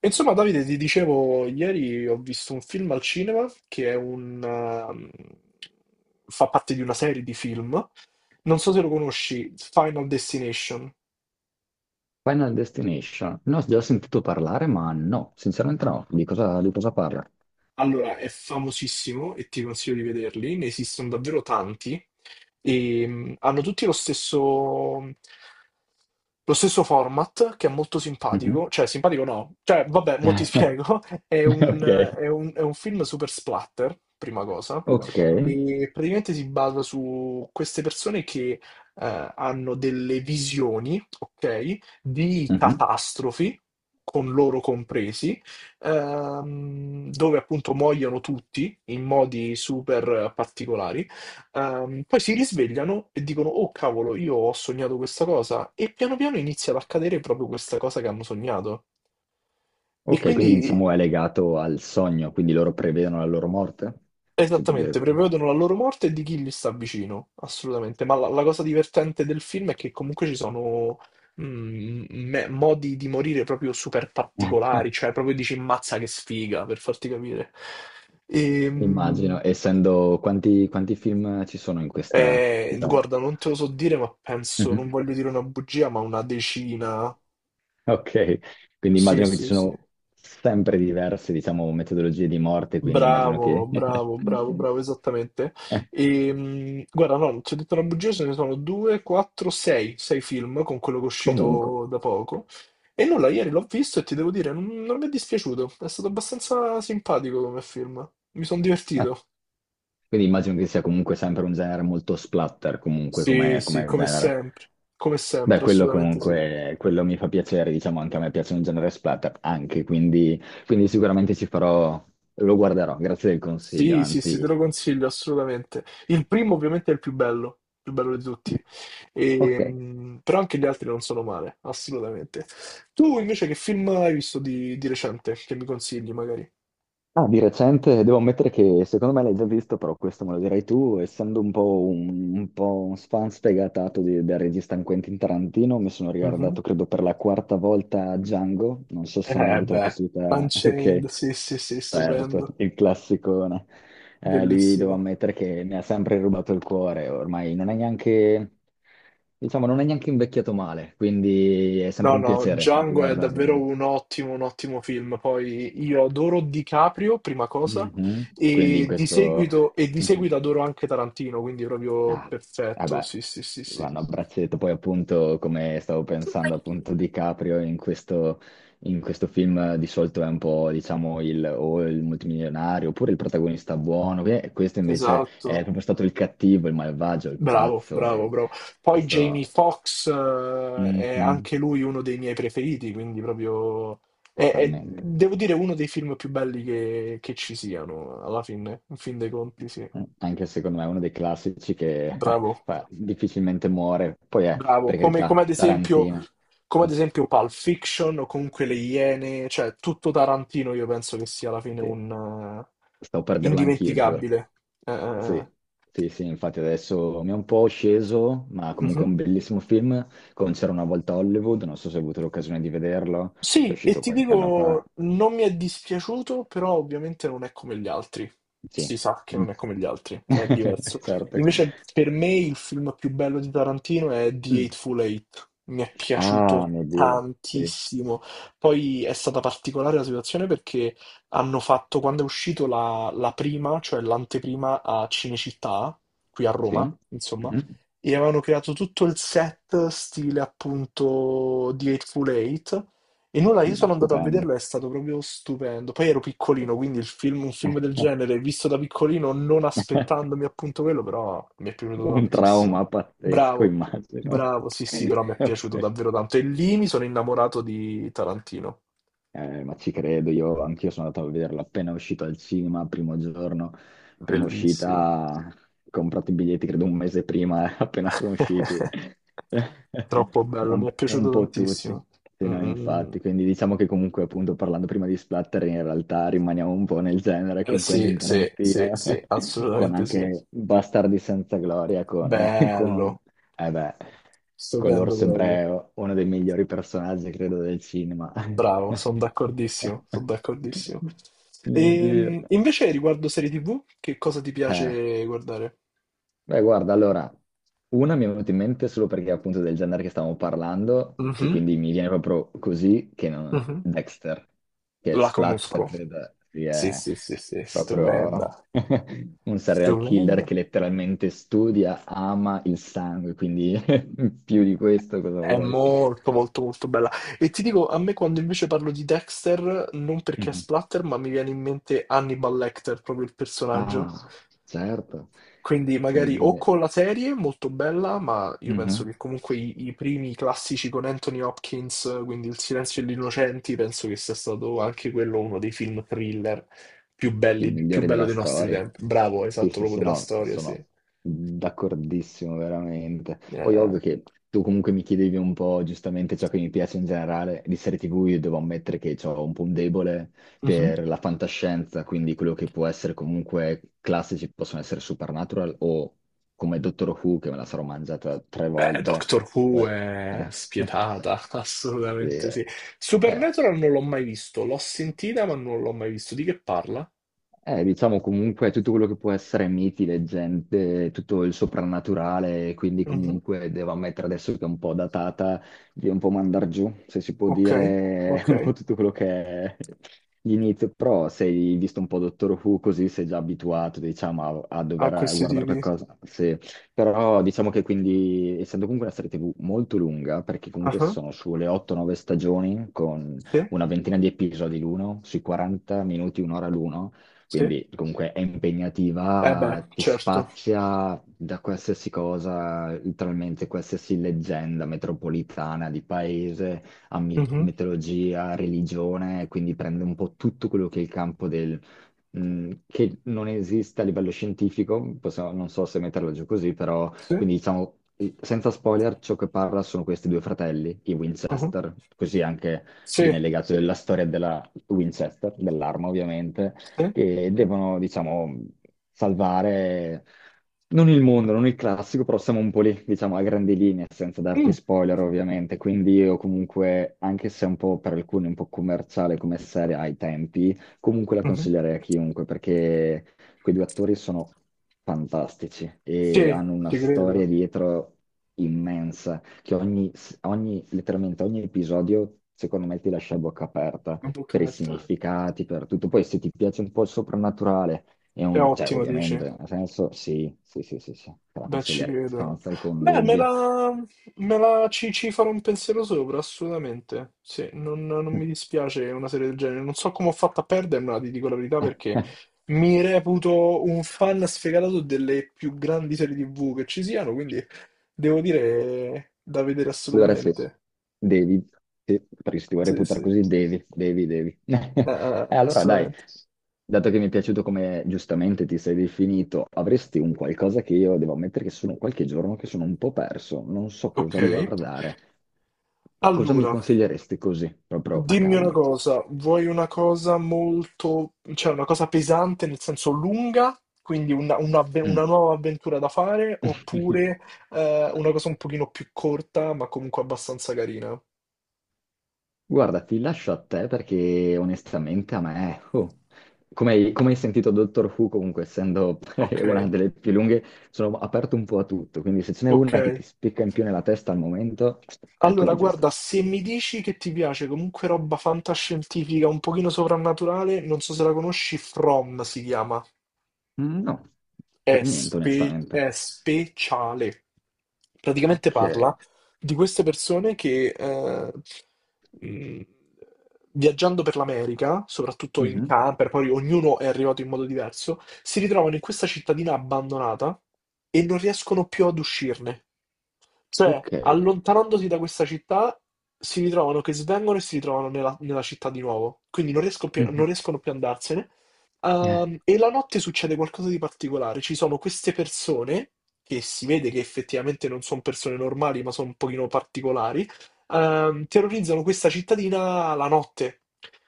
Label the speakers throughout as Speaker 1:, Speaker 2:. Speaker 1: Insomma, Davide, ti dicevo, ieri ho visto un film al cinema che è fa parte di una serie di film. Non so se lo conosci, Final Destination.
Speaker 2: Final Destination. Ne ho già sentito parlare, ma no, sinceramente no. Di cosa parla?
Speaker 1: Allora, è famosissimo e ti consiglio di vederli, ne esistono davvero tanti e hanno tutti lo stesso format che è molto
Speaker 2: Mhm.
Speaker 1: simpatico, cioè simpatico no, cioè vabbè, mo ti spiego, è un,
Speaker 2: Ok,
Speaker 1: è un film super splatter, prima cosa,
Speaker 2: ok.
Speaker 1: e praticamente si basa su queste persone che hanno delle visioni, ok, di
Speaker 2: Mhm.
Speaker 1: catastrofi, con loro compresi dove appunto muoiono tutti in modi super particolari. Poi si risvegliano e dicono: Oh cavolo, io ho sognato questa cosa. E piano piano inizia ad accadere proprio questa cosa che hanno sognato. E
Speaker 2: Ok, quindi
Speaker 1: quindi.
Speaker 2: diciamo è legato al sogno, quindi loro prevedono la loro morte? Si può dire
Speaker 1: Esattamente,
Speaker 2: così?
Speaker 1: prevedono la loro morte e di chi gli sta vicino, assolutamente. Ma la cosa divertente del film è che comunque ci sono modi di morire proprio super particolari, cioè proprio dici mazza che sfiga, per farti capire. Ehm,
Speaker 2: Immagino, essendo quanti, quanti film ci sono in questa, diciamo.
Speaker 1: Guarda, non te lo so dire, ma penso, non
Speaker 2: Mhm.
Speaker 1: voglio dire una bugia, ma una decina.
Speaker 2: Ok, quindi
Speaker 1: Sì,
Speaker 2: immagino che ci
Speaker 1: sì, sì.
Speaker 2: sono sempre diverse, diciamo, metodologie di morte, quindi immagino
Speaker 1: Bravo,
Speaker 2: che...
Speaker 1: bravo, bravo, bravo, esattamente. E, guarda, no, non ti ho detto una bugia, ce ne sono due, quattro, sei, sei film con quello che è
Speaker 2: Comunque.
Speaker 1: uscito da poco. E nulla, ieri l'ho visto e ti devo dire, non mi è dispiaciuto, è stato abbastanza simpatico come film. Mi sono divertito.
Speaker 2: Quindi immagino che sia comunque sempre un genere molto splatter, comunque
Speaker 1: Sì,
Speaker 2: come,
Speaker 1: sì,
Speaker 2: come genere.
Speaker 1: come
Speaker 2: Beh,
Speaker 1: sempre,
Speaker 2: quello
Speaker 1: assolutamente sì.
Speaker 2: comunque, quello mi fa piacere, diciamo, anche a me piace un genere splatter, anche, quindi, quindi sicuramente ci farò, lo guarderò, grazie del consiglio,
Speaker 1: Sì, sì, sì, te
Speaker 2: anzi.
Speaker 1: lo consiglio assolutamente. Il primo ovviamente è il più bello di tutti. E,
Speaker 2: Ok.
Speaker 1: però anche gli altri non sono male, assolutamente. Tu invece che film hai visto di recente che mi consigli magari?
Speaker 2: Ah, di recente devo ammettere che secondo me l'hai già visto, però questo me lo direi tu, essendo un po' un fan sfegatato del regista Quentin Tarantino, mi sono
Speaker 1: Mhm.
Speaker 2: riguardato credo per la quarta volta Django, non so se hai mai
Speaker 1: Eh
Speaker 2: avuto la
Speaker 1: beh,
Speaker 2: possibilità,
Speaker 1: Unchained,
Speaker 2: ok,
Speaker 1: sì, sì, sì,
Speaker 2: certo,
Speaker 1: stupendo,
Speaker 2: il classicone. Lui devo
Speaker 1: bellissimo.
Speaker 2: ammettere che mi ha sempre rubato il cuore, ormai non è neanche, diciamo, non è neanche invecchiato male, quindi è sempre
Speaker 1: No,
Speaker 2: un
Speaker 1: no,
Speaker 2: piacere
Speaker 1: Django è
Speaker 2: riguardarla.
Speaker 1: davvero un ottimo film. Poi io adoro DiCaprio, prima cosa,
Speaker 2: Mhm. Quindi in
Speaker 1: e di
Speaker 2: questo...
Speaker 1: seguito, e di
Speaker 2: Mhm.
Speaker 1: seguito adoro anche Tarantino, quindi proprio
Speaker 2: Ah, eh
Speaker 1: perfetto.
Speaker 2: beh,
Speaker 1: Sì, sì, sì, sì.
Speaker 2: vanno a braccetto. Poi appunto, come stavo pensando appunto di Caprio in questo film di solito è un po', diciamo, il, o il multimilionario oppure il protagonista buono. Questo invece è
Speaker 1: Esatto.
Speaker 2: proprio stato il cattivo, il malvagio, il
Speaker 1: Bravo,
Speaker 2: pazzo.
Speaker 1: bravo,
Speaker 2: E
Speaker 1: bravo. Poi Jamie
Speaker 2: questo...
Speaker 1: Foxx è
Speaker 2: Mhm,
Speaker 1: anche lui uno dei miei preferiti, quindi proprio...
Speaker 2: totalmente.
Speaker 1: Devo dire, uno dei film più belli che ci siano, alla fine, in fin dei conti, sì.
Speaker 2: Anche secondo me è uno dei classici che
Speaker 1: Bravo,
Speaker 2: difficilmente muore. Poi è,
Speaker 1: bravo.
Speaker 2: per
Speaker 1: Come,
Speaker 2: carità,
Speaker 1: come ad esempio...
Speaker 2: Tarantino.
Speaker 1: come ad esempio Pulp Fiction o comunque Le Iene, cioè tutto Tarantino io penso che sia alla fine
Speaker 2: Sì.
Speaker 1: un
Speaker 2: Stavo per dirlo anch'io, giuro.
Speaker 1: indimenticabile. Eh, eh, eh.
Speaker 2: Sì, sì, sì, infatti adesso mi è un po' sceso, ma comunque è
Speaker 1: Mhm.
Speaker 2: un bellissimo film, con C'era una volta a Hollywood, non so se hai avuto l'occasione di vederlo, che è
Speaker 1: Sì, e
Speaker 2: uscito
Speaker 1: ti
Speaker 2: qualche anno fa.
Speaker 1: dico, non mi è dispiaciuto, però ovviamente non è come gli altri.
Speaker 2: Sì,
Speaker 1: Si sa che non è come gli altri, è diverso.
Speaker 2: certo.
Speaker 1: Invece per me il film più bello di Tarantino è The
Speaker 2: Mm.
Speaker 1: Eightful Eight. Mi è
Speaker 2: Ah,
Speaker 1: piaciuto
Speaker 2: mio Dio, sì,
Speaker 1: tantissimo. Poi è stata particolare la situazione perché hanno fatto, quando è uscito la prima, cioè l'anteprima a Cinecittà, qui a
Speaker 2: sì.
Speaker 1: Roma, insomma,
Speaker 2: Mhm.
Speaker 1: e avevano creato tutto il set stile appunto The Eightful Eight e nulla, io
Speaker 2: No,
Speaker 1: sono andato a
Speaker 2: stupendo.
Speaker 1: vederlo, è stato proprio stupendo. Poi ero piccolino, quindi un film del genere, visto da piccolino, non aspettandomi appunto quello, però mi è piaciuto
Speaker 2: Un
Speaker 1: tantissimo.
Speaker 2: trauma pazzesco,
Speaker 1: Bravo,
Speaker 2: immagino.
Speaker 1: bravo, sì, sì, però mi è piaciuto
Speaker 2: Ok.
Speaker 1: davvero tanto. E lì mi sono innamorato di Tarantino.
Speaker 2: Ma ci credo, io anch'io sono andato a vederlo appena uscito al cinema, primo giorno, prima
Speaker 1: Bellissimo.
Speaker 2: uscita, ho comprato i biglietti credo un mese prima, appena sono usciti,
Speaker 1: Troppo bello, mi è
Speaker 2: un
Speaker 1: piaciuto
Speaker 2: po' tutti.
Speaker 1: tantissimo.
Speaker 2: Sì,
Speaker 1: Mm,
Speaker 2: no,
Speaker 1: mm, mm.
Speaker 2: infatti, quindi diciamo che comunque appunto parlando prima di splatter in realtà rimaniamo un po' nel genere
Speaker 1: Eh
Speaker 2: con
Speaker 1: sì,
Speaker 2: Quentin
Speaker 1: sì, sì,
Speaker 2: Tarantino,
Speaker 1: sì,
Speaker 2: con
Speaker 1: assolutamente sì.
Speaker 2: anche Bastardi senza gloria, con, con
Speaker 1: Bello,
Speaker 2: eh beh, con
Speaker 1: stupendo
Speaker 2: l'orso
Speaker 1: proprio.
Speaker 2: ebreo, uno dei migliori personaggi, credo, del cinema.
Speaker 1: Bravo, sono d'accordissimo, sono d'accordissimo.
Speaker 2: Mio Dio.
Speaker 1: E, invece riguardo serie TV, che cosa ti
Speaker 2: Eh,
Speaker 1: piace guardare?
Speaker 2: beh, guarda, allora, una mi è venuta in mente solo perché appunto del genere che stavamo parlando, che
Speaker 1: Mhm,
Speaker 2: quindi mi viene proprio così, che non...
Speaker 1: mhm.
Speaker 2: Dexter, che
Speaker 1: La
Speaker 2: splatter,
Speaker 1: conosco.
Speaker 2: credo,
Speaker 1: Sì,
Speaker 2: sia
Speaker 1: sì, sì, sì,
Speaker 2: proprio
Speaker 1: stupenda,
Speaker 2: un serial killer
Speaker 1: stupenda.
Speaker 2: che letteralmente studia, ama il sangue, quindi più di questo cosa
Speaker 1: È
Speaker 2: vuoi?
Speaker 1: molto, molto, molto bella. E ti dico, a me quando invece parlo di Dexter, non perché è splatter, ma mi viene in mente Hannibal Lecter, proprio il personaggio.
Speaker 2: Ah, certo,
Speaker 1: Quindi
Speaker 2: vuol
Speaker 1: magari o
Speaker 2: dire...
Speaker 1: con la serie, molto bella, ma io penso che
Speaker 2: Mhm.
Speaker 1: comunque i primi classici con Anthony Hopkins, quindi Il silenzio degli innocenti, penso che sia stato anche quello uno dei film thriller più
Speaker 2: I
Speaker 1: belli, più
Speaker 2: migliori
Speaker 1: bello
Speaker 2: della
Speaker 1: dei nostri
Speaker 2: storia.
Speaker 1: tempi. Bravo,
Speaker 2: Sì,
Speaker 1: esatto,
Speaker 2: sì,
Speaker 1: proprio
Speaker 2: sì,
Speaker 1: della
Speaker 2: no,
Speaker 1: storia, sì.
Speaker 2: sono d'accordissimo, veramente. Poi
Speaker 1: Eh,
Speaker 2: ovvio che tu comunque mi chiedevi un po' giustamente ciò che mi piace in generale di serie TV, io devo ammettere che ho un po' un debole
Speaker 1: mhm.
Speaker 2: per la fantascienza, quindi quello che può essere comunque classici possono essere Supernatural o come Doctor Who, che me la sarò mangiata tre
Speaker 1: Beh,
Speaker 2: volte.
Speaker 1: Doctor Who
Speaker 2: Que-
Speaker 1: è
Speaker 2: sì.
Speaker 1: spietata,
Speaker 2: Sì,
Speaker 1: assolutamente sì.
Speaker 2: eh.
Speaker 1: Supernatural non l'ho mai visto, l'ho sentita ma non l'ho mai visto. Di che parla?
Speaker 2: Diciamo comunque tutto quello che può essere miti, leggende, tutto il soprannaturale, quindi
Speaker 1: Mhm.
Speaker 2: comunque devo ammettere adesso che è un po' datata, di un po' mandar giù, se si può
Speaker 1: Ok,
Speaker 2: dire
Speaker 1: ok.
Speaker 2: un po' tutto quello che è l'inizio, però sei visto un po' Dottor Who così sei già abituato, diciamo, a, a
Speaker 1: A
Speaker 2: dover
Speaker 1: questi
Speaker 2: guardare
Speaker 1: tipi.
Speaker 2: qualcosa, sì. Però diciamo che quindi, essendo comunque una serie TV molto lunga, perché comunque sono sulle 8-9 stagioni, con
Speaker 1: Sì,
Speaker 2: una ventina di episodi l'uno, sui 40 minuti, un'ora l'uno,
Speaker 1: sì.
Speaker 2: quindi comunque è
Speaker 1: Eh beh,
Speaker 2: impegnativa, ti
Speaker 1: certo.
Speaker 2: spazia da qualsiasi cosa, letteralmente qualsiasi leggenda metropolitana di paese a mi-
Speaker 1: Mh-mh.
Speaker 2: mitologia, religione, quindi prende un po' tutto quello che è il campo del che non esiste a livello scientifico, non so se metterla giù così, però
Speaker 1: Sì,
Speaker 2: quindi diciamo, senza spoiler, ciò che parla sono questi due fratelli, i
Speaker 1: mh-mh.
Speaker 2: Winchester, così anche
Speaker 1: Sì,
Speaker 2: viene legato alla storia della Winchester, dell'arma ovviamente,
Speaker 1: sì.
Speaker 2: che devono, diciamo, salvare... Non il mondo, non il classico, però siamo un po' lì, diciamo, a grandi linee, senza darti
Speaker 1: Mh,
Speaker 2: spoiler ovviamente, quindi io comunque, anche se è un po' per alcuni un po' commerciale come serie ai tempi, comunque la
Speaker 1: mh-mh.
Speaker 2: consiglierei a chiunque perché quei due attori sono fantastici e
Speaker 1: Sì,
Speaker 2: hanno una
Speaker 1: ci
Speaker 2: storia
Speaker 1: credo.
Speaker 2: dietro immensa, che ogni, letteralmente ogni episodio secondo me ti lascia a bocca aperta
Speaker 1: Un
Speaker 2: per i
Speaker 1: documentar
Speaker 2: significati, per tutto. Poi se ti piace un po' il soprannaturale, è
Speaker 1: È
Speaker 2: cioè
Speaker 1: ottimo dici?
Speaker 2: ovviamente, nel senso sì, sì, sì, sì, sì, te la
Speaker 1: Beh, ci
Speaker 2: consiglierei
Speaker 1: credo.
Speaker 2: senza alcun
Speaker 1: Beh, me
Speaker 2: dubbio.
Speaker 1: la me la ci farò un pensiero sopra, assolutamente. Sì, non mi dispiace una serie del genere. Non so come ho fatto a perdermela, ti dico la verità, perché mi reputo un fan sfegatato delle più grandi serie TV che ci siano, quindi devo dire da vedere
Speaker 2: Allora sì,
Speaker 1: assolutamente.
Speaker 2: devi, sì, perché se ti vuoi
Speaker 1: Sì,
Speaker 2: reputare
Speaker 1: sì,
Speaker 2: così devi, devi, devi. E allora dai,
Speaker 1: assolutamente.
Speaker 2: dato che mi è piaciuto come giustamente ti sei definito, avresti un qualcosa che io devo ammettere che sono qualche giorno che sono un po' perso, non so
Speaker 1: Ok,
Speaker 2: cosa guardare. Cosa mi
Speaker 1: allora,
Speaker 2: consiglieresti così, proprio a
Speaker 1: dimmi una
Speaker 2: caldo?
Speaker 1: cosa, vuoi una cosa molto, cioè una cosa pesante nel senso lunga, quindi una
Speaker 2: Mm.
Speaker 1: nuova avventura da fare, oppure una cosa un pochino più corta, ma comunque abbastanza carina?
Speaker 2: Guarda, ti lascio a te perché onestamente a me, oh, come hai, come hai sentito Doctor Who, comunque essendo una
Speaker 1: Ok,
Speaker 2: delle più lunghe, sono aperto un po' a tutto, quindi se ce n'è
Speaker 1: ok.
Speaker 2: una che ti spicca in più nella testa al momento, è
Speaker 1: Allora,
Speaker 2: quella giusta.
Speaker 1: guarda, se mi dici che ti piace comunque roba fantascientifica, un pochino soprannaturale, non so se la conosci, From si chiama.
Speaker 2: Mm, no, per niente onestamente.
Speaker 1: È speciale. Praticamente
Speaker 2: Ok.
Speaker 1: parla di queste persone che mh, viaggiando per l'America, soprattutto in
Speaker 2: Mhm.
Speaker 1: camper, poi ognuno è arrivato in modo diverso, si ritrovano in questa cittadina abbandonata e non riescono più ad uscirne. Cioè,
Speaker 2: Ok.
Speaker 1: allontanandosi da questa città, si ritrovano che svengono e si ritrovano nella città di nuovo. Quindi non
Speaker 2: Mhm.
Speaker 1: riescono più ad andarsene.
Speaker 2: Eh,
Speaker 1: E la notte succede qualcosa di particolare. Ci sono queste persone, che si vede che effettivamente non sono persone normali, ma sono un pochino particolari, terrorizzano questa cittadina la notte.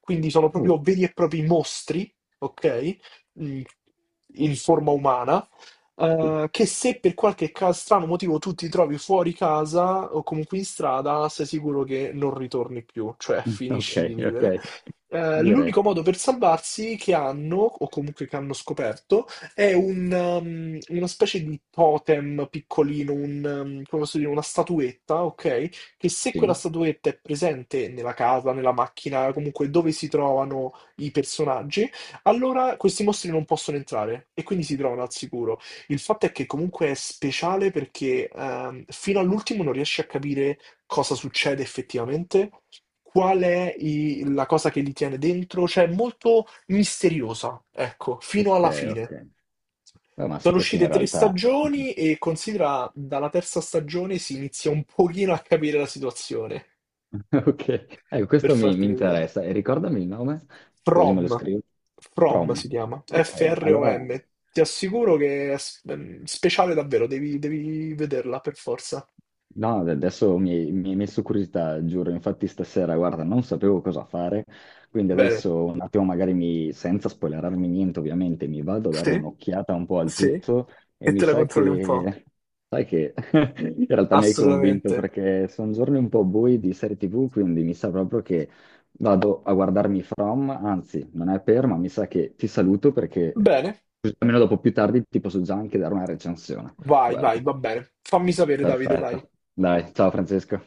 Speaker 1: Quindi sono
Speaker 2: oh,
Speaker 1: proprio veri e propri mostri, ok? Mm, In forma umana
Speaker 2: sì.
Speaker 1: che se per qualche strano motivo tu ti trovi fuori casa o comunque in strada, sei sicuro che non ritorni più, cioè
Speaker 2: Mm, ok,
Speaker 1: finisci di vivere.
Speaker 2: ok. Direi
Speaker 1: L'unico modo per salvarsi che hanno, o comunque che hanno scoperto, è una specie di totem piccolino, come posso dire, una statuetta, ok? Che se quella
Speaker 2: sì.
Speaker 1: statuetta è presente nella casa, nella macchina, comunque dove si trovano i personaggi, allora questi mostri non possono entrare e quindi si trovano al sicuro. Il fatto è che comunque è speciale perché fino all'ultimo non riesci a capire cosa succede effettivamente, qual è la cosa che li tiene dentro, cioè è molto misteriosa, ecco, fino
Speaker 2: Ok,
Speaker 1: alla
Speaker 2: ok.
Speaker 1: fine.
Speaker 2: Beh, ma
Speaker 1: Sono
Speaker 2: sai che
Speaker 1: uscite
Speaker 2: in
Speaker 1: tre
Speaker 2: realtà...
Speaker 1: stagioni e considera dalla terza stagione si inizia un pochino a capire la situazione,
Speaker 2: Ok, ecco,
Speaker 1: per
Speaker 2: questo mi,
Speaker 1: farti
Speaker 2: mi
Speaker 1: vedere.
Speaker 2: interessa. E ricordami il nome, così me lo
Speaker 1: From,
Speaker 2: scrivo.
Speaker 1: From
Speaker 2: From.
Speaker 1: si chiama,
Speaker 2: Ok, allora.
Speaker 1: From. Ti assicuro che speciale davvero, devi, devi vederla per forza.
Speaker 2: No, adesso mi hai messo curiosità, giuro. Infatti stasera, guarda, non sapevo cosa fare, quindi
Speaker 1: Bene.
Speaker 2: adesso un attimo magari mi, senza spoilerarmi niente, ovviamente, mi vado a dare
Speaker 1: Sì,
Speaker 2: un'occhiata un po' al
Speaker 1: sì.
Speaker 2: tutto e
Speaker 1: E
Speaker 2: mi
Speaker 1: te la
Speaker 2: sa
Speaker 1: controlli un po'.
Speaker 2: che, sai che in realtà mi hai convinto
Speaker 1: Assolutamente.
Speaker 2: perché sono giorni un po' bui di serie TV, quindi mi sa proprio che vado a guardarmi From, anzi, non è per, ma mi sa che ti saluto perché
Speaker 1: Bene.
Speaker 2: così almeno dopo più tardi ti posso già anche dare una recensione.
Speaker 1: Vai, vai,
Speaker 2: Guarda.
Speaker 1: va bene. Fammi sapere, Davide, dai.
Speaker 2: Perfetto. Dai, ciao Francesco.